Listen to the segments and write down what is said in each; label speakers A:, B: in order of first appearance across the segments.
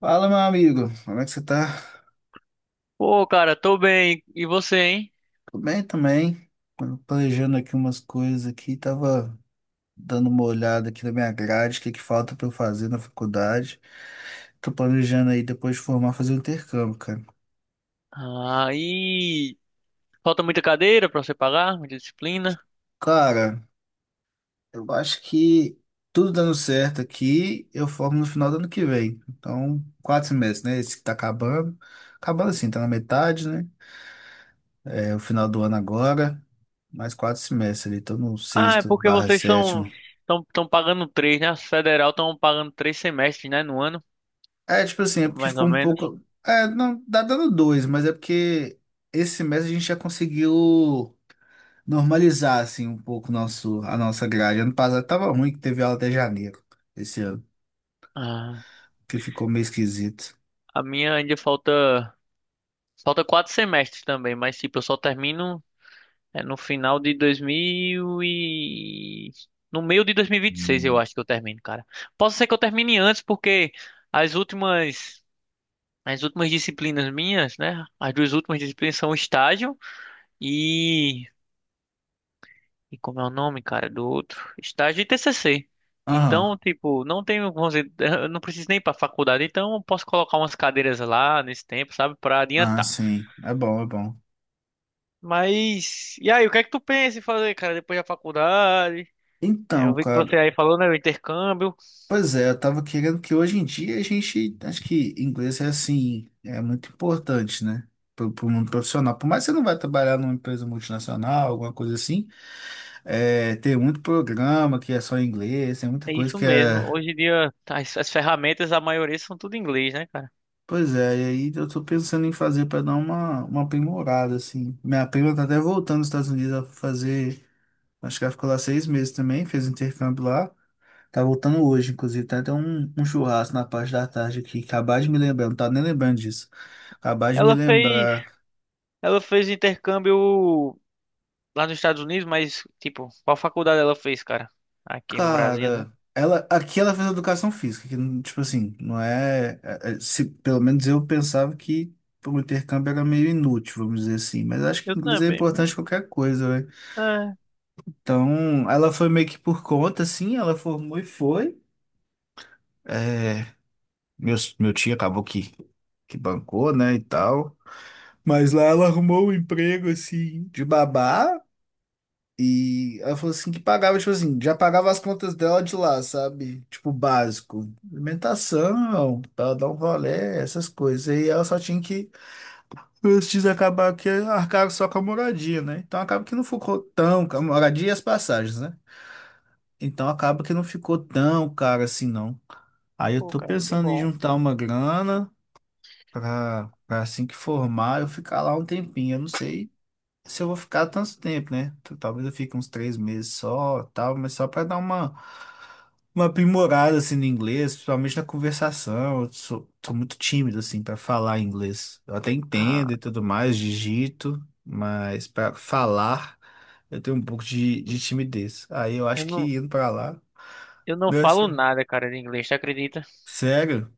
A: Fala, meu amigo. Como é que você tá?
B: Pô, cara, tô bem. E você, hein?
A: Tudo bem também. Tava planejando aqui umas coisas aqui, tava dando uma olhada aqui na minha grade, o que que falta pra eu fazer na faculdade. Tô planejando aí depois de formar fazer um intercâmbio, cara.
B: Aí falta muita cadeira pra você pagar, muita disciplina.
A: Cara, eu acho que tudo dando certo aqui, eu formo no final do ano que vem. Então, 4 semestres, né? Esse que tá acabando. Acabando assim, tá na metade, né? É o final do ano agora. Mais 4 semestres ali, tô no
B: Ah, é
A: sexto
B: porque
A: barra
B: vocês são
A: sétimo.
B: tão, tão pagando três, né? As federal estão pagando três semestres, né, no ano,
A: É, tipo assim, é porque
B: mais
A: ficou
B: ou
A: um
B: menos.
A: pouco. É, não, dá dando dois, mas é porque esse mês a gente já conseguiu normalizar, assim, um pouco a nossa grade. Ano passado tava ruim que teve aula até janeiro, esse ano,
B: Ah,
A: que ficou meio esquisito.
B: a minha ainda falta quatro semestres também, mas tipo, eu só termino no final de 2000 e no meio de 2026, eu acho que eu termino, cara. Posso ser que eu termine antes porque as últimas As últimas disciplinas minhas, né? As duas últimas disciplinas são estágio e. E como é o nome, cara, do outro? Estágio e TCC.
A: Aham,
B: Então, tipo, não tenho, vamos dizer, eu não preciso nem ir pra faculdade, então eu posso colocar umas cadeiras lá nesse tempo, sabe, pra
A: ah,
B: adiantar.
A: sim, é bom, é bom.
B: Mas, e aí, o que é que tu pensa em fazer, cara, depois da faculdade? É,
A: Então,
B: eu vi que você
A: cara,
B: aí falou, né, o intercâmbio.
A: pois é, eu tava querendo que hoje em dia a gente, acho que inglês é assim, é muito importante, né? Pro mundo profissional. Por mais que você não vai trabalhar numa empresa multinacional, alguma coisa assim. É, tem muito programa que é só em inglês, tem muita
B: É
A: coisa
B: isso
A: que
B: mesmo.
A: é.
B: Hoje em dia, as ferramentas, a maioria são tudo em inglês, né, cara?
A: Pois é, e aí eu tô pensando em fazer para dar uma aprimorada, assim. Minha prima tá até voltando dos Estados Unidos a fazer. Acho que ela ficou lá 6 meses também, fez intercâmbio lá. Tá voltando hoje, inclusive. Tá até um churrasco na parte da tarde aqui. Acabar de me lembrar, não tava nem lembrando disso. Acabar de me
B: Ela fez,
A: lembrar.
B: ela fez intercâmbio lá nos Estados Unidos, mas, tipo, qual faculdade ela fez, cara? Aqui no Brasil, né?
A: Cara, ela, aqui ela fez educação física, que, tipo assim, não é, se, pelo menos eu pensava que o intercâmbio era meio inútil, vamos dizer assim, mas acho que
B: Eu
A: inglês é
B: também, mas.
A: importante em qualquer coisa, né?
B: É,
A: Então, ela foi meio que por conta, assim, ela formou e foi. É, meu tio acabou que bancou, né, e tal. Mas lá ela arrumou um emprego, assim, de babá, e ela falou assim que pagava, tipo assim, já pagava as contas dela de lá, sabe? Tipo, básico. Alimentação, pra ela dar um rolê, essas coisas. E ela só tinha que, antes de acabar que arcar só com a moradia, né? Então acaba que não ficou tão, a moradia e as passagens, né? Então acaba que não ficou tão caro assim, não. Aí eu
B: pô,
A: tô
B: cara, que
A: pensando em
B: bom.
A: juntar uma grana pra assim que formar, eu ficar lá um tempinho. Eu não sei se eu vou ficar tanto tempo, né? Talvez eu fique uns 3 meses só, tal, mas só para dar uma aprimorada assim no inglês, principalmente na conversação. Eu sou muito tímido assim para falar inglês. Eu até
B: Ah,
A: entendo e tudo mais, digito, mas para falar eu tenho um pouco de timidez. Aí eu acho
B: eu não,
A: que indo para lá,
B: eu não falo
A: nessa,
B: nada, cara, de inglês, tu acredita?
A: sério?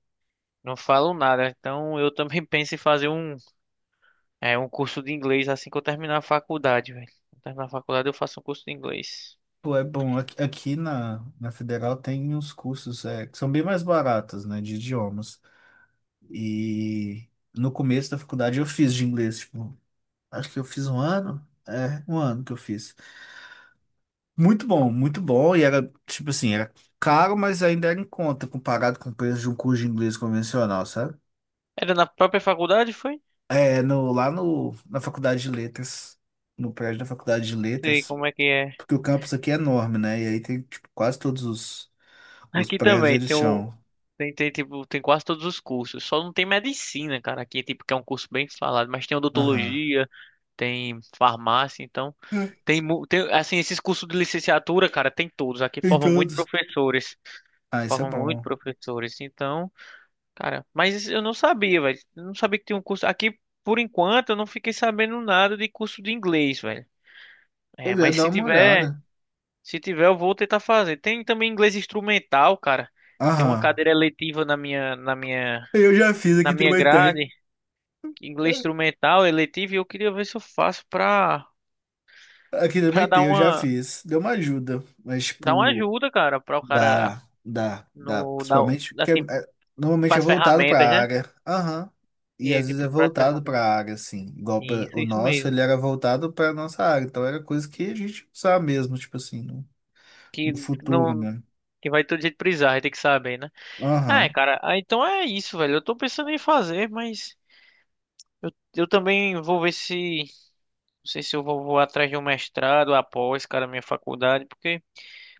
B: Não falo nada. Então, eu também penso em fazer um curso de inglês assim que eu terminar a faculdade, velho. Quando terminar a faculdade, eu faço um curso de inglês.
A: Pô, é bom, aqui na Federal tem uns cursos é, que são bem mais baratos, né, de idiomas. E no começo da faculdade eu fiz de inglês, tipo, acho que eu fiz um ano. É, um ano que eu fiz. Muito bom, muito bom. E era, tipo assim, era caro, mas ainda era em conta, comparado com o preço de um curso de inglês convencional, sabe?
B: Era na própria faculdade, foi?
A: É, no, lá no, na faculdade de letras, no prédio da faculdade de
B: Sei
A: letras,
B: como é que é.
A: porque o campus aqui é enorme, né? E aí tem, tipo, quase todos os
B: Aqui
A: prédios
B: também
A: eles
B: tem o.
A: são...
B: Tipo, tem quase todos os cursos. Só não tem medicina, cara. Aqui, tipo, que é um curso bem falado. Mas tem
A: Aham.
B: odontologia, tem farmácia, então.
A: É.
B: Tem, tem, assim, esses cursos de licenciatura, cara, tem todos. Aqui
A: Em
B: formam muito
A: todos.
B: professores.
A: Ah, isso é
B: Formam muito
A: bom.
B: professores. Então, cara, mas eu não sabia, velho. Eu não sabia que tinha um curso. Aqui, por enquanto, eu não fiquei sabendo nada de curso de inglês, velho. É,
A: Pois é,
B: mas
A: dá
B: se
A: uma
B: tiver.
A: olhada.
B: Se tiver, eu vou tentar fazer. Tem também inglês instrumental, cara. Tem uma
A: Aham.
B: cadeira eletiva na minha, na minha,
A: Eu já fiz,
B: na
A: aqui
B: minha
A: também tem.
B: grade, inglês instrumental, eletivo, e eu queria ver se eu faço pra,
A: Aqui
B: pra
A: também tem, eu já fiz. Deu uma ajuda, mas,
B: dar uma
A: tipo,
B: ajuda, cara, pra o cara
A: dá, dá, dá.
B: no,
A: Principalmente
B: na,
A: porque
B: assim,
A: normalmente é
B: pras
A: voltado
B: ferramentas,
A: pra
B: né?
A: área. Aham.
B: E
A: E
B: aí,
A: às vezes é
B: tipo, pras
A: voltado
B: ferramentas.
A: pra área, assim. Igual
B: Isso,
A: o
B: isso
A: nosso,
B: mesmo.
A: ele era voltado pra nossa área. Então era coisa que a gente usava mesmo, tipo assim, no,
B: Que
A: no futuro,
B: não,
A: né?
B: que vai todo jeito precisar, vai ter que saber, né? Ah, é,
A: Aham.
B: cara, ah, então é isso, velho. Eu tô pensando em fazer, mas eu também vou ver se não sei se vou atrás de um mestrado após, cara, minha faculdade, porque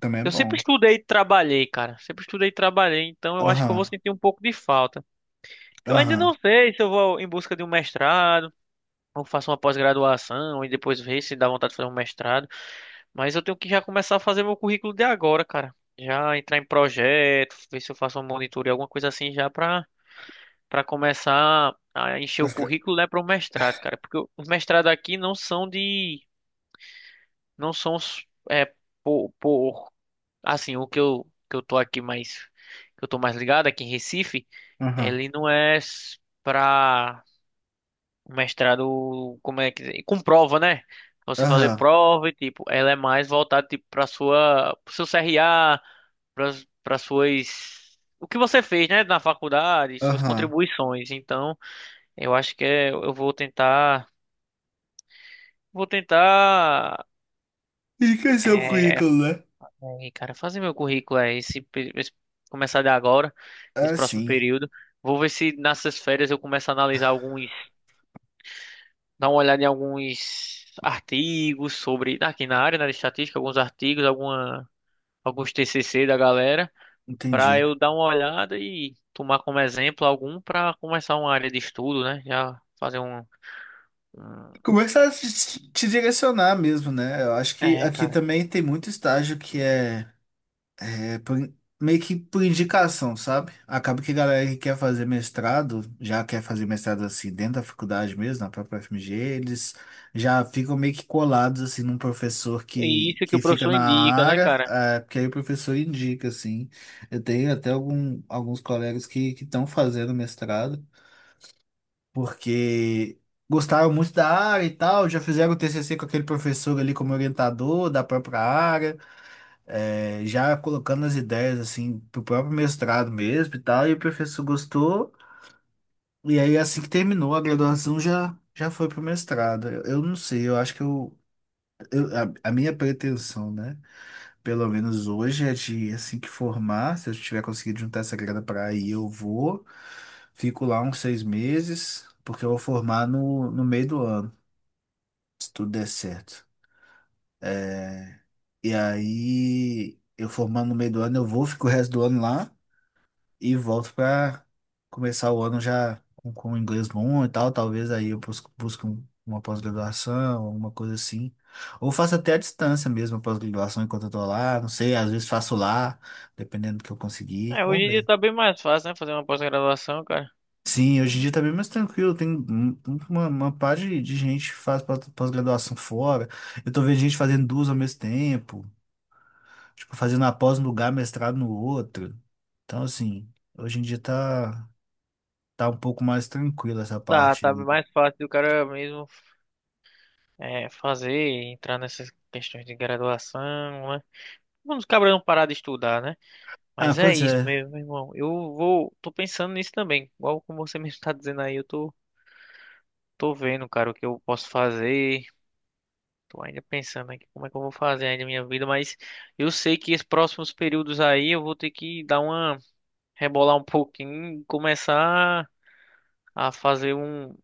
A: Também é
B: eu sempre
A: bom.
B: estudei e trabalhei, cara. Sempre estudei e trabalhei, então eu acho que eu vou
A: Aham.
B: sentir um pouco de falta. Eu ainda não
A: Aham.
B: sei se eu vou em busca de um mestrado, ou faço uma pós-graduação e depois ver se dá vontade de fazer um mestrado, mas eu tenho que já começar a fazer meu currículo de agora, cara. Já entrar em projeto, ver se eu faço uma monitoria, alguma coisa assim já pra começar a encher o
A: Mas que-
B: currículo, né, para o mestrado, cara. Porque os mestrados aqui não são por assim, o que eu tô aqui mais que eu tô mais ligado aqui em Recife,
A: Aham.
B: ele não é para mestrado, como é que com prova, né? Você fazer
A: Aham.
B: prova e tipo, ela é mais voltada tipo para sua pro seu CRA, para para suas O que você fez, né, na faculdade, suas
A: Aham.
B: contribuições. Então, eu acho que eu vou tentar
A: Enriqueceu o
B: é,
A: currículo, né?
B: aí, cara, fazer meu currículo aí começar de agora, esse
A: Ah,
B: próximo
A: sim.
B: período. Vou ver se nessas férias eu começo a analisar alguns, dar uma olhada em alguns artigos sobre aqui na área, né, de estatística, alguns artigos, alguma, alguns TCC da galera, para
A: Entendi.
B: eu dar uma olhada e tomar como exemplo algum para começar uma área de estudo, né? Já fazer um, um-
A: Começar a te direcionar mesmo, né? Eu acho que
B: é,
A: aqui
B: cara.
A: também tem muito estágio que é meio que por indicação, sabe? Acaba que a galera que quer fazer mestrado, já quer fazer mestrado assim dentro da faculdade mesmo, na própria FMG, eles já ficam meio que colados assim num professor
B: E
A: que,
B: isso que
A: que
B: o
A: fica
B: professor
A: na
B: indica, né,
A: área,
B: cara?
A: é, porque aí o professor indica, assim. Eu tenho até alguns colegas que estão fazendo mestrado porque gostaram muito da área e tal, já fizeram o TCC com aquele professor ali como orientador da própria área, já colocando as ideias assim pro próprio mestrado mesmo e tal, e o professor gostou, e aí assim que terminou a graduação já já foi pro mestrado. Eu não sei, eu acho que eu- a minha pretensão, né? Pelo menos hoje é de assim que formar. Se eu tiver conseguido juntar essa grana para ir, eu vou. Fico lá uns 6 meses, porque eu vou formar no meio do ano, se tudo der certo. É, e aí, eu formando no meio do ano, eu vou, fico o resto do ano lá, e volto para começar o ano já com o inglês bom e tal. Talvez aí eu busque uma pós-graduação, alguma coisa assim. Ou faço até à distância mesmo a pós-graduação enquanto eu tô lá. Não sei, às vezes faço lá, dependendo do que eu conseguir.
B: É, hoje
A: Vamos
B: em dia
A: ver.
B: tá bem mais fácil, né, fazer uma pós-graduação, cara.
A: Sim, hoje em dia tá bem mais tranquilo. Tem uma par de gente que faz pós-graduação fora. Eu tô vendo gente fazendo duas ao mesmo tempo. Tipo, fazendo a pós num lugar, mestrado no outro. Então, assim, hoje em dia tá um pouco mais tranquila essa
B: Dá,
A: parte,
B: tá
A: né?
B: mais fácil do cara mesmo fazer, entrar nessas questões de graduação, né? Vamos cabra não parar de estudar, né?
A: Ah,
B: Mas é
A: pois
B: isso
A: é.
B: mesmo, meu irmão. Eu vou, tô pensando nisso também. Igual como você mesmo tá dizendo aí, tô vendo, cara, o que eu posso fazer. Tô ainda pensando aqui como é que eu vou fazer ainda a minha vida, mas eu sei que esses próximos períodos aí eu vou ter que dar uma rebolar um pouquinho, começar a fazer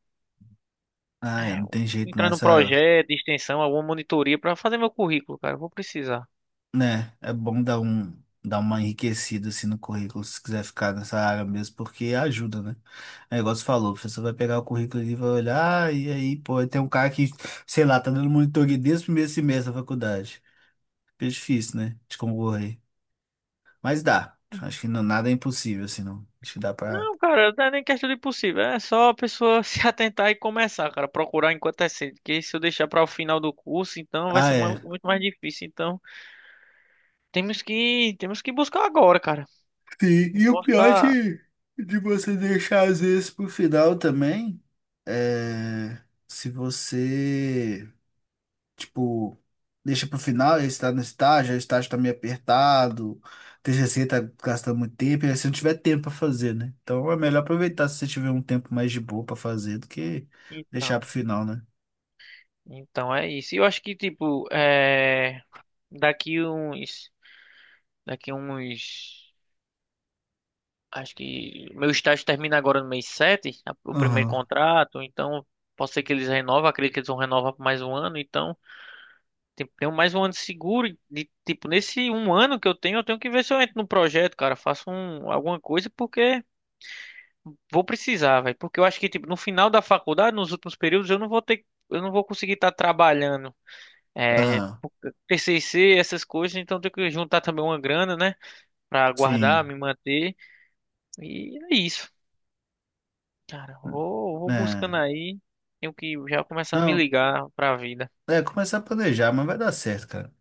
A: Ah, é,
B: é,
A: não tem jeito não.
B: entrar num
A: Essa,
B: projeto de extensão, alguma monitoria para fazer meu currículo, cara. Eu vou precisar.
A: né, é bom dar uma enriquecida assim no currículo, se quiser ficar nessa área mesmo, porque ajuda, né? É igual você falou, o professor vai pegar o currículo e vai olhar, ah, e aí, pô, tem um cara que, sei lá, tá dando monitoria desde o primeiro semestre da faculdade. Fica difícil, né, de concorrer. Mas dá. Acho que não, nada é impossível, assim, não. Acho que dá pra...
B: Não, cara, não é nem questão de possível. É só a pessoa se atentar e começar, cara. Procurar enquanto é cedo. Porque se eu deixar para o final do curso, então vai
A: Ah,
B: ser
A: é.
B: muito mais difícil. Então, temos que buscar agora, cara.
A: Sim,
B: Não
A: e o
B: posso
A: pior
B: estar.
A: de você deixar às vezes pro final também é se você, tipo, deixa pro final, aí você tá no estágio, aí o estágio tá meio apertado, o TCC tá gastando muito tempo, e aí você não tiver tempo pra fazer, né? Então é melhor aproveitar se você tiver um tempo mais de boa pra fazer do que deixar
B: Então,
A: pro final, né?
B: então é isso. E eu acho que, tipo, é... daqui uns. Daqui uns. Acho que meu estágio termina agora no mês 7, o primeiro
A: Aham,
B: contrato, então pode ser que eles renovem, acredito que eles vão renovar por mais um ano, então tenho mais um ano seguro, de, tipo, nesse um ano que eu tenho que ver se eu entro no projeto, cara, faço um, alguma coisa, porque vou precisar, velho, porque eu acho que, tipo, no final da faculdade, nos últimos períodos, eu não vou conseguir estar trabalhando, é,
A: aham,
B: TCC, essas coisas, então eu tenho que juntar também uma grana, né, pra guardar,
A: sim,
B: me manter, e é isso. Cara, vou buscando
A: né?
B: aí. Tenho que já começar a me
A: Não,
B: ligar pra vida.
A: é começar a planejar, mas vai dar certo, cara.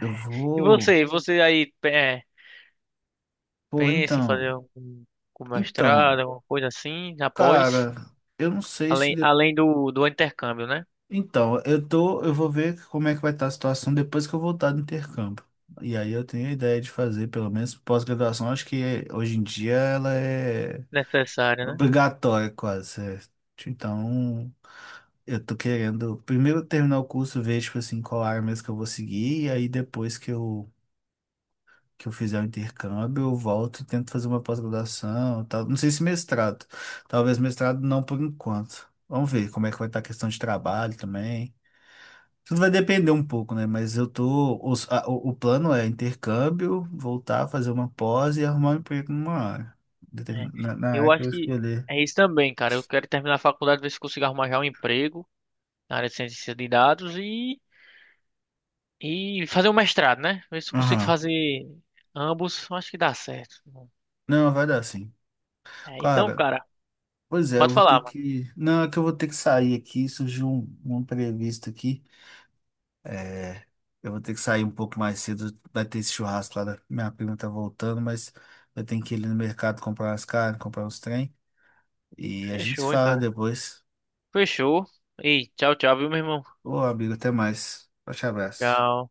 A: Eu
B: E
A: vou.
B: você,
A: Pô,
B: pensa em
A: então.
B: fazer algum, algum
A: Então,
B: mestrado, alguma coisa assim, após,
A: cara, eu não sei se. de-
B: além do, do intercâmbio, né?
A: Então, eu vou ver como é que vai estar a situação depois que eu voltar do intercâmbio. E aí eu tenho a ideia de fazer, pelo menos pós-graduação, acho que hoje em dia ela é
B: Necessário, né?
A: obrigatória quase, certo? Então, eu tô querendo primeiro terminar o curso, ver, tipo assim, qual área mesmo que eu vou seguir, e aí depois que eu fizer o intercâmbio, eu volto e tento fazer uma pós-graduação, tal. Não sei se mestrado. Talvez mestrado não por enquanto. Vamos ver como é que vai estar a questão de trabalho também. Tudo vai depender um pouco, né? Mas eu tô. O plano é intercâmbio, voltar, fazer uma pós e arrumar um emprego numa área
B: É.
A: na área
B: Eu
A: que eu
B: acho que
A: escolher.
B: é isso também, cara. Eu quero terminar a faculdade, ver se consigo arrumar já um emprego na área de ciência de dados e fazer um mestrado, né? Ver se eu consigo
A: Aham.
B: fazer ambos. Eu acho que dá certo.
A: Não, vai dar sim.
B: É, então,
A: Cara,
B: cara,
A: pois é, eu
B: pode
A: vou ter
B: falar, mano.
A: que... Não, é que eu vou ter que sair aqui. Surgiu um imprevisto aqui. É, eu vou ter que sair um pouco mais cedo. Vai ter esse churrasco lá. Minha prima tá voltando, mas eu tenho que ir ali no mercado comprar umas carnes, comprar uns trem. E a gente se
B: Fechou, hein,
A: fala
B: cara.
A: depois.
B: Fechou. Ei, tchau, tchau, viu, meu irmão?
A: Ô, amigo, até mais. Forte abraço.
B: Tchau.